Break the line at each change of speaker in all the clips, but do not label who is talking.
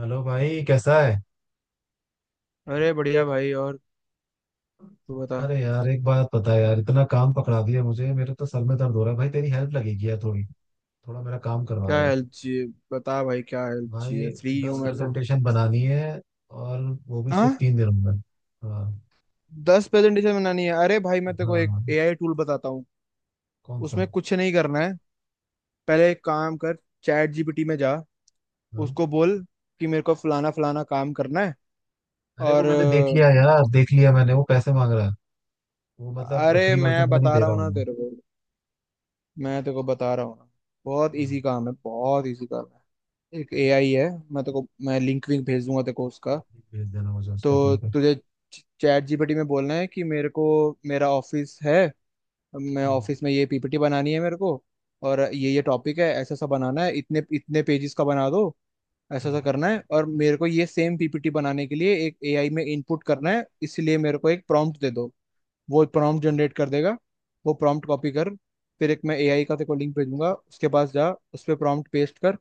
Hello भाई, कैसा है।
अरे बढ़िया भाई। और तू बता।
अरे यार, एक बात पता है यार, इतना काम पकड़ा दिया मुझे, मेरे तो सर में दर्द हो रहा है। भाई तेरी हेल्प लगेगी यार थोड़ी। थोड़ा मेरा काम
क्या
करवाओ यार।
हेल्प चाहिए? बता भाई, क्या हेल्प
भाई,
चाहिए? फ्री हूँ
दस
मैं तो।
प्रेजेंटेशन बनानी है। और वो भी सिर्फ
हाँ।
3 दिनों में। हाँ।
10 प्रेजेंटेशन बनानी है? अरे भाई, मैं तेरे को एक
हाँ।
एआई टूल बताता हूँ।
कौन सा?
उसमें कुछ नहीं करना है। पहले एक काम कर, चैट जीपीटी में जा।
हाँ।
उसको बोल कि मेरे को फलाना फलाना काम करना है।
अरे वो
और
मैंने देख लिया यार, देख लिया मैंने। वो पैसे मांग रहा है वो, मतलब
अरे
फ्री
मैं
वर्जन में नहीं
बता
दे
रहा
रहा
हूँ
हूँ
ना
मैं।
तेरे को। मैं तेरे को बता रहा हूँ ना। बहुत
हाँ,
इजी काम है, बहुत इजी काम है। एक एआई है। मैं तेरे को मैं लिंक विंक भेज दूंगा तेरे को उसका।
भेज देना मुझे उसका,
तो
ठीक है।
तुझे चैट जीपीटी में बोलना है कि मेरे को, मेरा ऑफिस है, मैं
हम्म।
ऑफिस में ये पीपीटी बनानी है मेरे को, और ये टॉपिक है, ऐसा सा बनाना है, इतने इतने पेजेस का बना दो, ऐसा सा
हाँ।
करना है, और मेरे को ये सेम पीपीटी बनाने के लिए एक एआई में इनपुट करना है, इसलिए मेरे को एक प्रॉम्प्ट दे दो। वो प्रॉम्प्ट जनरेट कर देगा। वो प्रॉम्प्ट कॉपी कर। फिर एक, मैं एआई का तेरे को लिंक भेजूंगा, उसके पास जा, उस पर प्रॉम्प्ट पेस्ट कर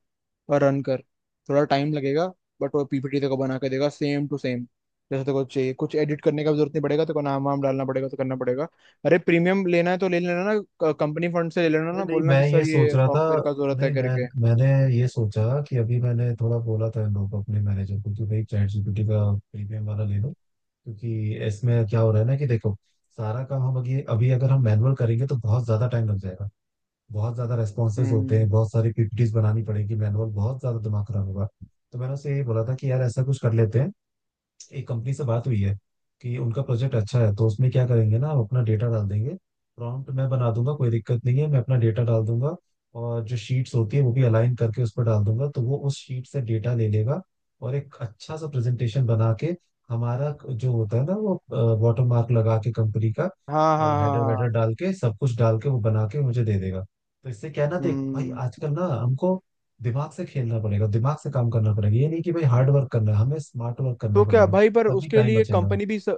और रन कर। थोड़ा टाइम लगेगा, बट वो पीपीटी तेरे को बना के देगा सेम टू सेम जैसे तेरे को चाहिए। कुछ एडिट करने का भी जरूरत नहीं पड़ेगा। तेरे को नाम वाम डालना पड़ेगा तो करना पड़ेगा। अरे प्रीमियम लेना है तो ले लेना ना, कंपनी फंड से ले लेना
अरे
ना,
नहीं,
बोलना कि
मैं ये
सर,
सोच
ये
रहा था।
सॉफ्टवेयर का जरूरत है
नहीं मैं
करके।
मैंने ये सोचा कि अभी मैंने थोड़ा बोला था इन लोगों को, अपने मैनेजर को कि भाई चैट जीपीटी का प्रीमियम वाला ले लो। क्योंकि इसमें क्या हो रहा है ना, कि देखो, सारा काम हम अभी अभी अगर हम मैनुअल करेंगे तो बहुत ज्यादा टाइम लग जाएगा। बहुत ज्यादा रेस्पॉन्सेज होते हैं,
हम्म।
बहुत सारी पीपीटीज बनानी पड़ेगी मैनुअल, बहुत ज्यादा दिमाग खराब होगा। तो मैंने उससे यही बोला था कि यार ऐसा कुछ कर लेते हैं। एक कंपनी से बात हुई है कि उनका प्रोजेक्ट अच्छा है, तो उसमें क्या करेंगे ना, हम अपना डेटा डाल देंगे। प्रॉम्प्ट मैं बना दूंगा, कोई दिक्कत नहीं है। मैं अपना डेटा डाल दूंगा, और जो शीट्स होती है वो भी अलाइन करके उस पर डाल दूंगा, तो वो उस शीट से डेटा ले लेगा। और एक अच्छा सा प्रेजेंटेशन बना के, हमारा जो होता है ना वो, वाटर मार्क लगा के कंपनी का,
हाँ हाँ हाँ
हेडर वेडर
हाँ।
डाल के, सब कुछ डाल के वो बना के मुझे दे देगा। तो इससे क्या है ना, देख भाई,
हम्म।
आजकल ना हमको दिमाग से खेलना पड़ेगा, दिमाग से काम करना पड़ेगा। ये नहीं कि भाई हार्ड वर्क करना है, हमें स्मार्ट वर्क
तो
करना
क्या
पड़ेगा।
भाई? पर
तभी टाइम बचेगा।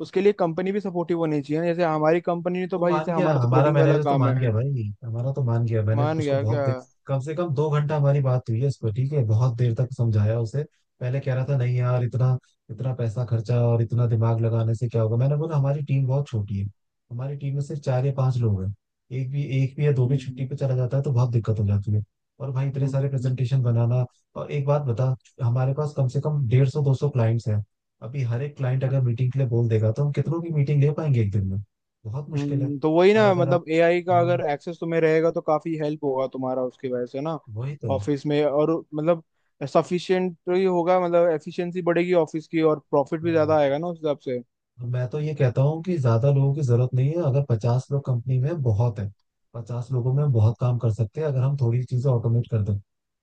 उसके लिए कंपनी भी सपोर्टिव होनी चाहिए ना, जैसे हमारी कंपनी ने तो
वो
भाई, जैसे
मान गया,
हमारा तो
हमारा
कोडिंग वाला
मैनेजर तो
काम है।
मान गया भाई, हमारा तो मान गया। मैंने
मान
उसको
गया
बहुत
क्या?
देर, कम से कम 2 घंटा हमारी बात हुई है उसको, ठीक है, बहुत देर तक समझाया उसे। पहले कह रहा था नहीं यार, इतना इतना पैसा खर्चा और इतना दिमाग लगाने से क्या होगा। मैंने बोला हमारी टीम बहुत छोटी है। हमारी टीम में सिर्फ 4 या 5 लोग हैं। एक भी या दो भी छुट्टी
हम्म।
पे चला जाता है तो बहुत दिक्कत हो जाती है। और भाई इतने
हम्म।
सारे
हम्म।
प्रेजेंटेशन बनाना। और एक बात बता, हमारे पास कम से कम 150, 200 क्लाइंट्स हैं। अभी हर एक क्लाइंट अगर
अच्छा।
मीटिंग के लिए बोल देगा तो हम कितनों की मीटिंग ले पाएंगे एक दिन में? बहुत मुश्किल है।
हम्म। तो वही
और
ना,
अगर आप।
मतलब एआई का अगर
हाँ।
एक्सेस तुम्हें रहेगा तो काफी हेल्प होगा तुम्हारा, उसकी वजह से ना
वही तो।
ऑफिस में। और मतलब सफिशिएंट ही होगा, मतलब एफिशिएंसी बढ़ेगी ऑफिस की और प्रॉफिट भी
हाँ।
ज्यादा आएगा ना उस हिसाब से।
तो मैं तो ये कहता हूँ कि ज्यादा लोगों की जरूरत नहीं है। अगर 50 लोग कंपनी में बहुत है। 50 लोगों में हम बहुत काम कर सकते हैं अगर हम थोड़ी चीजें ऑटोमेट कर दें।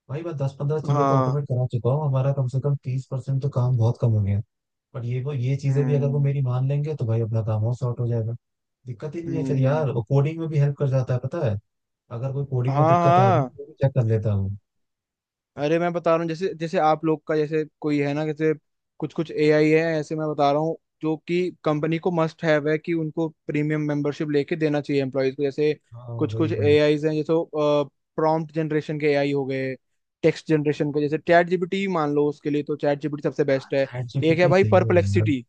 भाई मैं 10-15 चीजें तो
हाँ।
ऑटोमेट करा चुका हूँ, हमारा कम से कम 30% तो काम बहुत कम हो गया है। बट ये चीजें भी अगर वो
हम्म।
मेरी मान लेंगे तो भाई अपना काम और सॉर्ट हो जाएगा। दिक्कत ही नहीं है फिर यार।
हम्म।
वो कोडिंग में भी हेल्प कर जाता है पता है। अगर कोई कोडिंग में
हाँ
दिक्कत आ रही है
हाँ।
वो भी चेक कर लेता हूँ।
अरे मैं बता रहा हूँ, जैसे जैसे आप लोग का, जैसे कोई है ना, जैसे कुछ कुछ एआई है ऐसे, मैं बता रहा हूँ जो कि कंपनी को मस्ट हैव है, कि उनको प्रीमियम मेंबरशिप लेके देना चाहिए एम्प्लॉयज को। जैसे
हाँ।
कुछ
वही
कुछ
वही।
एआईज हैं, जैसे प्रॉम्प्ट जनरेशन के एआई हो गए, टेक्स्ट जनरेशन के, जैसे चैट जीपीटी मान लो, उसके लिए तो चैट जीपीटी सबसे बेस्ट है।
चैट
एक है
जीपीटी
भाई
सही है यार।
परप्लेक्सिटी।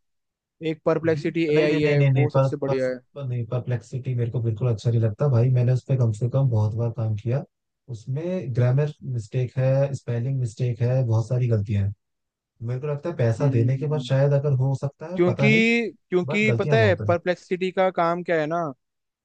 एक परप्लेक्सिटी
डीप नहीं, नहीं
एआई
नहीं
है,
नहीं नहीं।
वो
पर,
सबसे
पर,
बढ़िया है।
पर नहीं, परप्लेक्सिटी मेरे को बिल्कुल अच्छा नहीं लगता भाई। मैंने उस पर कम से कम बहुत बार काम किया। उसमें ग्रामर मिस्टेक है, स्पेलिंग मिस्टेक है, बहुत सारी गलतियां हैं। मेरे को लगता है पैसा देने के बाद
हम्म।
शायद, अगर हो सकता है,
क्योंकि
पता नहीं। बट
क्योंकि पता
गलतियां
है
बहुत हैं।
परप्लेक्सिटी का काम क्या है ना।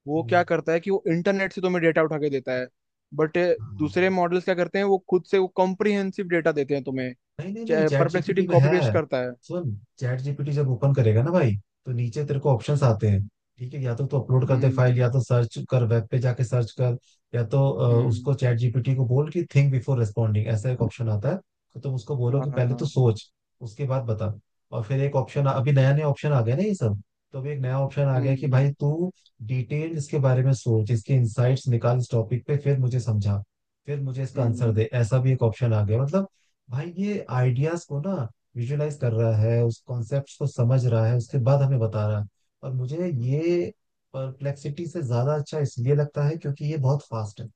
वो
हम्म।
क्या करता है कि वो इंटरनेट से तुम्हें डेटा उठा के देता है। बट
हाँ।
दूसरे मॉडल्स क्या करते हैं, वो खुद से वो कॉम्प्रिहेंसिव डेटा देते हैं तुम्हें।
नहीं नहीं नहीं, चैट
परप्लेक्सिटी
जीपीटी में
कॉपी पेस्ट
है।
करता है।
सुन, चैट जीपीटी जब ओपन करेगा ना भाई, तो नीचे तेरे को ऑप्शंस आते हैं। ठीक है, या तो तू अपलोड कर दे फाइल,
हम्म।
या तो सर्च कर, वेब पे जाके सर्च कर। या तो उसको
हम्म।
चैट जीपीटी को बोल कि थिंक बिफोर रेस्पॉन्डिंग, ऐसा एक ऑप्शन आता है। तो तुम उसको बोलो कि पहले
हाँ।
तो सोच, उसके बाद बता। और फिर एक ऑप्शन, अभी नया नया ऑप्शन आ गया ना ये सब। तो अभी एक नया ऑप्शन आ गया है कि
हम्म।
भाई तू डिटेल इसके बारे में सोच, इसके इंसाइट्स निकाल इस टॉपिक पे, फिर मुझे समझा, फिर मुझे इसका आंसर
हम्म।
दे। ऐसा भी एक ऑप्शन आ गया मतलब। भाई ये आइडियाज को ना विजुलाइज कर रहा है, उस कॉन्सेप्ट को समझ रहा है, उसके बाद हमें बता रहा है। और मुझे ये परप्लेक्सिटी से ज्यादा अच्छा इसलिए लगता है क्योंकि ये बहुत फास्ट है।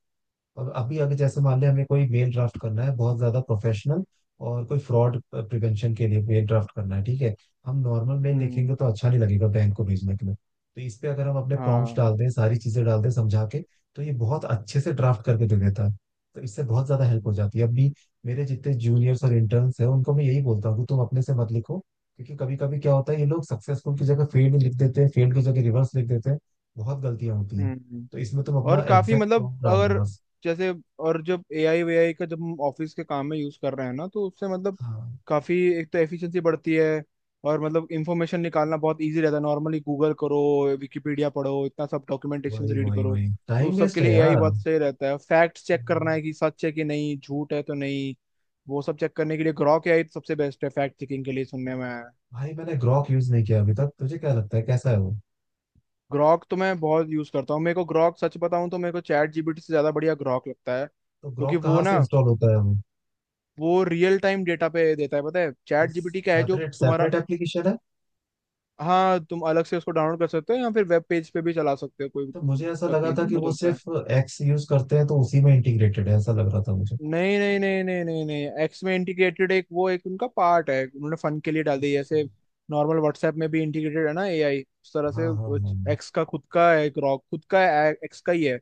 और अभी अगर जैसे मान ले, हमें कोई मेल ड्राफ्ट करना है बहुत ज्यादा प्रोफेशनल, और कोई फ्रॉड प्रिवेंशन के लिए मेल ड्राफ्ट करना है, ठीक है। हम नॉर्मल मेल
हम्म।
लिखेंगे तो अच्छा नहीं लगेगा बैंक को भेजने के लिए। तो इस पे अगर हम अपने प्रॉम्प्ट
हाँ।
डाल दें, सारी चीजें डाल दें समझा के, तो ये बहुत अच्छे से ड्राफ्ट करके दे देता है। तो इससे बहुत ज्यादा हेल्प हो जाती है। अभी मेरे जितने जूनियर्स और इंटर्न्स हैं उनको मैं यही बोलता हूँ कि तुम अपने से मत लिखो, क्योंकि कभी कभी क्या होता है ये लोग सक्सेसफुल की जगह फेल्ड लिख देते हैं, फेल्ड की जगह रिवर्स लिख देते हैं, बहुत गलतियां होती हैं।
हम्म।
तो इसमें तुम
और
अपना
काफी
एग्जैक्ट
मतलब,
प्रॉम्प्ट डाल दो
अगर
बस।
जैसे, और जब एआई वेआई का, जब हम ऑफिस के काम में यूज कर रहे हैं ना, तो उससे मतलब
हाँ,
काफी, एक तो एफिशिएंसी बढ़ती है, और मतलब इंफॉर्मेशन निकालना बहुत इजी रहता है। नॉर्मली गूगल करो, विकिपीडिया पढ़ो, इतना सब डॉक्यूमेंटेशन
वही
रीड
वही
करो,
वही।
तो
टाइम
उस सब
वेस्ट
के
है
लिए एआई
यार।
बहुत सही रहता है। फैक्ट चेक करना है कि सच है कि नहीं, झूठ है तो नहीं, वो सब चेक करने के लिए ग्रॉक एआई सबसे बेस्ट है, फैक्ट चेकिंग के लिए, सुनने में आया है।
भाई मैंने ग्रॉक यूज नहीं किया अभी तक। तुझे क्या लगता है कैसा है वो?
ग्रॉक तो मैं बहुत यूज करता हूँ। मेरे को ग्रॉक, सच बताऊं तो मेरे को चैट जीपीटी से ज्यादा बढ़िया ग्रॉक लगता है,
तो
क्योंकि
ग्रॉक
वो
कहाँ से
ना,
इंस्टॉल होता है वो?
वो रियल टाइम डेटा पे देता है, पता है?
वो
चैट जीपीटी क्या है जो
सेपरेट
तुम्हारा।
सेपरेट एप्लीकेशन है।
हाँ, तुम अलग से उसको डाउनलोड कर सकते हो या फिर वेब पेज पे भी चला सकते हो, कोई
तो मुझे ऐसा
दिक्कत
लगा
नहीं,
था कि
दोनों
वो
चलता है।
सिर्फ एक्स यूज करते हैं तो उसी में इंटीग्रेटेड है, ऐसा लग रहा था मुझे।
नहीं नहीं नहीं नहीं नहीं नहीं, एक्स में इंटीग्रेटेड एक, वो एक उनका पार्ट है, उन्होंने फन के लिए डाल दिया,
अच्छा।
जैसे नॉर्मल व्हाट्सएप में भी इंटीग्रेटेड है ना एआई उस तरह से।
हाँ हाँ हाँ।
एक्स का खुद का एक रॉक, खुद का, एक्स का ही है।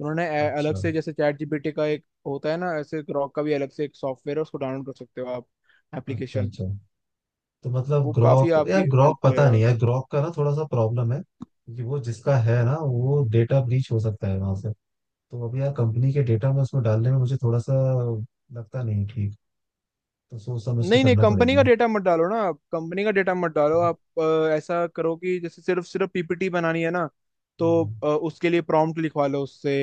उन्होंने अलग
अच्छा।
से, जैसे चैट जीपीटी का एक होता है ना, ऐसे रॉक का भी अलग से एक सॉफ्टवेयर है, उसको डाउनलोड कर सकते हो आप,
अच्छा।
एप्लीकेशन।
अच्छा, तो मतलब
वो काफी
ग्रॉक
आपकी
यार,
हेल्प
ग्रॉक पता नहीं
करेगा।
यार, ग्रॉक का ना थोड़ा सा प्रॉब्लम है, क्योंकि वो जिसका है ना, वो डेटा ब्रीच हो सकता है वहां से। तो अभी यार कंपनी के डेटा में उसमें डालने में मुझे थोड़ा सा लगता नहीं ठीक, तो सोच समझ के
नहीं नहीं,
करना
कंपनी का
पड़ेगा।
डेटा मत डालो ना आप, कंपनी का डेटा मत डालो आप। ऐसा करो कि जैसे सिर्फ सिर्फ पीपीटी बनानी है ना, तो
हम्म।
उसके लिए प्रॉम्प्ट लिखवा लो उससे।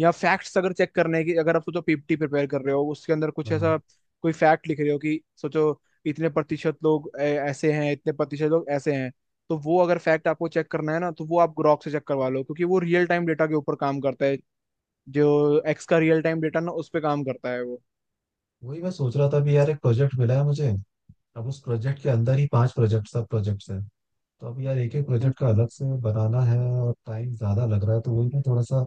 या फैक्ट्स अगर चेक करने की, अगर आप सोचो पीपीटी प्रिपेयर कर रहे हो, उसके अंदर कुछ
हाँ,
ऐसा कोई फैक्ट लिख रहे हो, कि सोचो इतने प्रतिशत लोग ऐसे हैं, इतने प्रतिशत लोग ऐसे हैं, तो वो अगर फैक्ट आपको चेक करना है ना, तो वो आप ग्रॉक से चेक करवा लो, क्योंकि वो रियल टाइम डेटा के ऊपर काम करता है, जो एक्स का रियल टाइम डेटा ना, उस पर काम करता है वो।
वही मैं सोच रहा था। अभी यार एक प्रोजेक्ट मिला है मुझे। अब उस प्रोजेक्ट के अंदर ही 5 प्रोजेक्ट, सब प्रोजेक्ट्स हैं। तो अब यार एक एक प्रोजेक्ट का
हम्म।
अलग से बनाना है, और टाइम ज्यादा लग रहा है, तो वही मैं थोड़ा सा।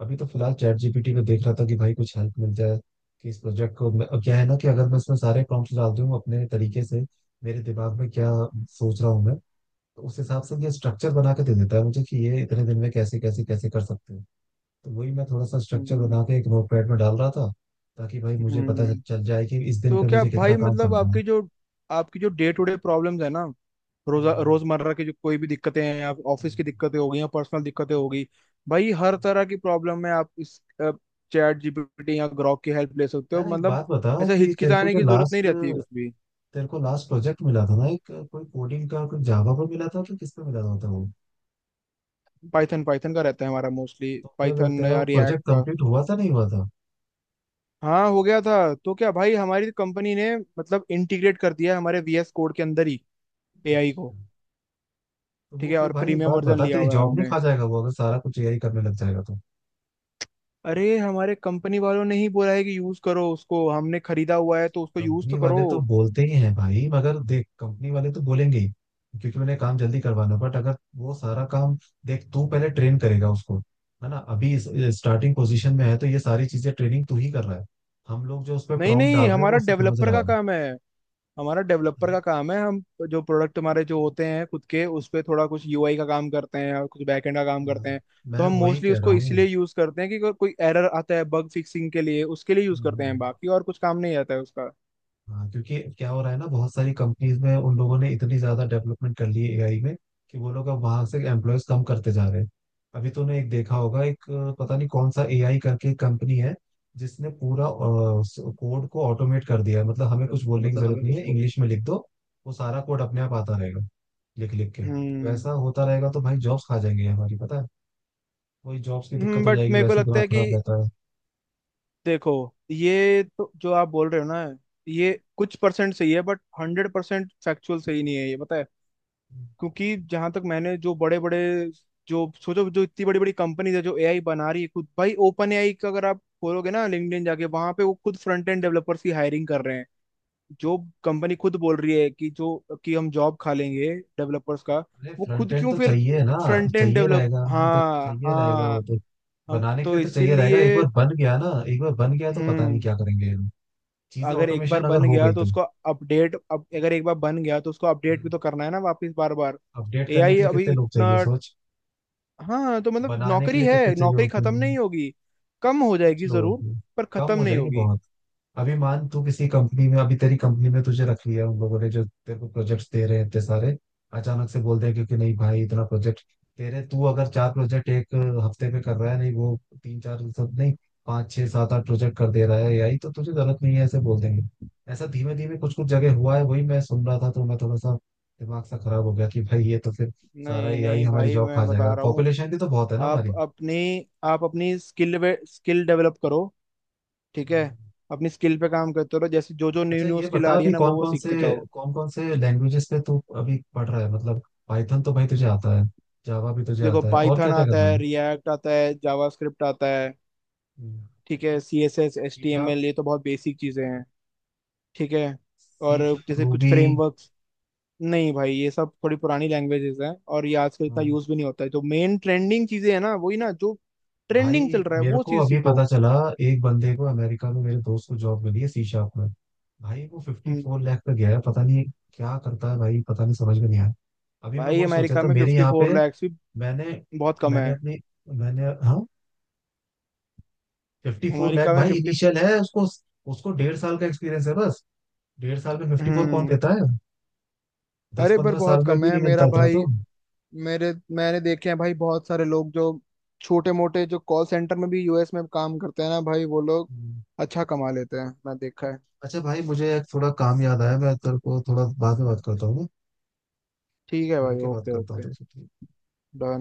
अभी तो फिलहाल चैट जीपीटी में देख रहा था कि भाई कुछ हेल्प मिल जाए, कि इस प्रोजेक्ट को मैं, अब क्या है ना कि अगर मैं इसमें सारे प्रॉम्प्ट्स डाल दूं अपने तरीके से, मेरे दिमाग में क्या सोच रहा हूँ मैं। तो उस हिसाब से ये स्ट्रक्चर बना के दे देता है मुझे कि ये इतने दिन में कैसे कैसे कैसे कर सकते हैं। तो वही मैं थोड़ा सा स्ट्रक्चर
हम्म।
बना के एक नोटपैड में डाल रहा था, ताकि भाई मुझे पता
हम्म।
चल जाए कि इस दिन
तो
पे
क्या
मुझे कितना
भाई,
काम
मतलब
करना है।
आपकी जो डे टू डे प्रॉब्लम्स है ना, रोजा
हम्म।
रोजमर्रा की जो कोई भी दिक्कतें हैं आप, ऑफिस की
हम्म।
दिक्कतें हो गई या पर्सनल दिक्कतें हो गई, भाई हर तरह की प्रॉब्लम में आप इस चैट जीपीटी या ग्रॉक की हेल्प ले सकते हो,
यार एक
मतलब
बात बता
ऐसा
कि
हिचकिचाने की जरूरत नहीं रहती है कुछ भी।
तेरे को लास्ट प्रोजेक्ट मिला था ना, एक कोई कोडिंग का, कोई जावा पे मिला था कि किस पे मिला था वो?
पाइथन। पाइथन का रहता है हमारा, मोस्टली
तो फिर
पाइथन
तेरा
या
वो
रिएक्ट
प्रोजेक्ट
का।
कंप्लीट हुआ था नहीं हुआ था?
हाँ, हो गया था। तो क्या भाई, हमारी कंपनी ने मतलब इंटीग्रेट कर दिया है हमारे वीएस कोड के अंदर ही एआई को।
अच्छा, तो
ठीक
वो
है,
फिर
और
भाई एक
प्रीमियम
बात
वर्जन
बता,
लिया
तेरी
हुआ है
जॉब नहीं
हमने।
खा जाएगा वो अगर सारा कुछ यही करने लग जाएगा तो?
अरे, हमारे कंपनी वालों ने ही बोला है कि यूज करो उसको, हमने खरीदा हुआ है तो उसको यूज
कंपनी
तो
वाले
करो।
तो बोलते ही हैं भाई, मगर देख, कंपनी वाले तो बोलेंगे ही क्योंकि उन्हें काम जल्दी करवाना। बट अगर वो सारा काम, देख, तू पहले ट्रेन करेगा उसको, है ना। अभी स्टार्टिंग पोजीशन में है, तो ये सारी चीजें ट्रेनिंग तू ही कर रहा है। हम लोग जो उस पर
नहीं
प्रॉम्प्ट
नहीं,
डाल रहे हैं वो उससे समझ रहा है।
हमारा डेवलपर का
अरे,
काम है, हम जो प्रोडक्ट हमारे जो होते हैं खुद के, उस पे थोड़ा कुछ यूआई का काम करते हैं और कुछ बैकएंड का काम करते हैं। तो
मैं
हम
वही
मोस्टली
कह रहा
उसको इसलिए यूज करते हैं कि अगर कोई एरर आता है, बग फिक्सिंग के लिए उसके लिए यूज करते हैं,
हूँ।
बाकी और कुछ काम नहीं आता है उसका।
हाँ। क्योंकि क्या हो रहा है ना, बहुत सारी कंपनीज में उन लोगों ने इतनी ज्यादा डेवलपमेंट कर ली है एआई में कि वो लोग अब वहां से एम्प्लॉयज कम करते जा रहे हैं। अभी तूने एक देखा होगा, एक पता नहीं कौन सा एआई करके कंपनी है, जिसने पूरा कोड को ऑटोमेट कर दिया है, मतलब हमें कुछ बोलने की जरूरत नहीं है, इंग्लिश में लिख दो, वो सारा कोड अपने आप आता रहेगा। लिख लिख के
हम्म।
वैसा होता रहेगा, तो भाई जॉब्स खा जाएंगे हमारी, पता है। वही जॉब्स की दिक्कत हो
बट
जाएगी,
मेरे को
वैसे ही
लगता
दिमाग
है कि,
खराब रहता
देखो, ये तो जो आप बोल रहे हो ना, ये कुछ परसेंट सही है, बट 100% फैक्चुअल सही नहीं है ये, पता है?
है।
क्योंकि जहां तक मैंने, जो बड़े बड़े, जो सोचो जो इतनी बड़ी बड़ी कंपनीज है जो एआई बना रही है खुद, भाई ओपन एआई का अगर आप खोलोगे ना लिंक्डइन जाके, वहां पे वो खुद फ्रंट एंड डेवलपर्स की हायरिंग कर रहे हैं। जो कंपनी खुद बोल रही है कि, जो कि हम जॉब खा लेंगे डेवलपर्स का,
अरे
वो
फ्रंट
खुद
एंड
क्यों
तो
फिर
चाहिए ना।
फ्रंट एंड
चाहिए
डेवलप?
रहेगा वो तो,
हाँ
चाहिए रहेगा
हाँ।
वो तो,
हम
बनाने के
तो
लिए तो चाहिए रहेगा। एक
इसीलिए।
बार बन गया ना, एक बार बन गया तो पता नहीं
हम्म।
क्या करेंगे ये लोग। चीजें
अगर एक बार
ऑटोमेशन अगर
बन
हो
गया
गई
तो
तो,
उसको अपडेट, अब अगर एक बार बन गया तो उसको अपडेट भी तो करना है ना वापस, बार बार।
अपडेट करने
एआई
के लिए
अभी
कितने लोग
इतना।
चाहिए सोच,
हाँ, तो मतलब
बनाने के
नौकरी
लिए कितने
है,
चाहिए
नौकरी
होते
खत्म
हैं।
नहीं होगी, कम हो
कुछ
जाएगी
लोगों
जरूर,
को।
पर
कम
खत्म
हो
नहीं
जाएगी
होगी।
बहुत। अभी मान तू किसी कंपनी में, अभी तेरी कंपनी में तुझे रख लिया उन लोगों ने जो तेरे को प्रोजेक्ट्स दे रहे हैं इतने सारे, अचानक से बोल दिया, क्योंकि नहीं भाई इतना प्रोजेक्ट, तेरे तू अगर 4 प्रोजेक्ट 1 हफ्ते में कर रहा है, नहीं वो तीन चार सब नहीं 5, 6, 7, 8 प्रोजेक्ट कर दे रहा है, यही तो तुझे जरूरत नहीं है ऐसे बोल देंगे। ऐसा धीमे धीमे कुछ कुछ जगह हुआ है, वही मैं सुन रहा था, तो मैं थोड़ा सा दिमाग सा खराब हो गया कि भाई ये तो फिर सारा
नहीं
एआई
नहीं
हमारी
भाई,
जॉब
मैं
खा
बता
जाएगा।
रहा हूँ,
पॉपुलेशन भी तो बहुत है ना
आप
हमारी।
अपनी आप अपनी स्किल स्किल डेवलप करो। ठीक है?
हम्म।
अपनी स्किल पे काम करते रहो, जैसे जो जो न्यू
अच्छा
न्यू
ये
स्किल
बता
आ रही है
अभी
ना, वो
कौन
वो
कौन
सीखते
से
जाओ।
कौन कौन से लैंग्वेजेस पे तू अभी पढ़ रहा है, मतलब पाइथन तो भाई तुझे आता है, जावा भी तुझे
देखो,
आता है, और
पाइथन
क्या क्या कर
आता
रहा
है,
है?
रिएक्ट आता है, जावास्क्रिप्ट आता है, ठीक है, C S S H
C
T M
sharp.
L ये तो बहुत बेसिक चीजें हैं। ठीक है। और
सी शार्प,
जैसे कुछ
रूबी।
फ्रेमवर्क्स, नहीं भाई ये सब थोड़ी पुरानी लैंग्वेजेस हैं और ये आजकल इतना यूज भी नहीं होता है, जो मेन ट्रेंडिंग चीजें हैं ना, वही ना, जो ट्रेंडिंग चल
भाई
रहा है
मेरे
वो
को
चीज
अभी
सीखो।
पता चला एक बंदे को, अमेरिका में मेरे दोस्त को जॉब मिली है सी शार्प में। भाई वो फिफ्टी फोर
हम्म।
लाख पे गया है, पता नहीं क्या करता है भाई, पता नहीं समझ में नहीं आया। अभी मैं
भाई
वही सोचा
अमेरिका
था
में
मेरे
फिफ्टी
यहाँ पे।
फोर लैक्स भी
मैंने
बहुत कम है।
मैंने अपनी मैंने हाँ, 54 लैख
अमेरिका में
भाई
फिफ्टी।
इनिशियल है उसको। उसको डेढ़ साल का एक्सपीरियंस है बस। 1.5 साल में 54 कौन
हम्म।
देता है? दस
अरे पर
पंद्रह साल
बहुत
में
कम
भी
है
नहीं
मेरा
मिलता इतना
भाई।
तो।
मेरे मैंने देखे हैं भाई बहुत सारे लोग जो छोटे मोटे, जो कॉल सेंटर में भी यूएस में काम करते हैं ना भाई, वो लोग
हम्म।
अच्छा कमा लेते हैं, मैं देखा है।
अच्छा भाई, मुझे एक थोड़ा काम याद आया, मैं तेरे को थोड़ा बाद में बात करता हूँ ना?
ठीक है भाई,
मिलके बात
ओके
करता हूँ
ओके।
तेरे से, ठीक है?
डन।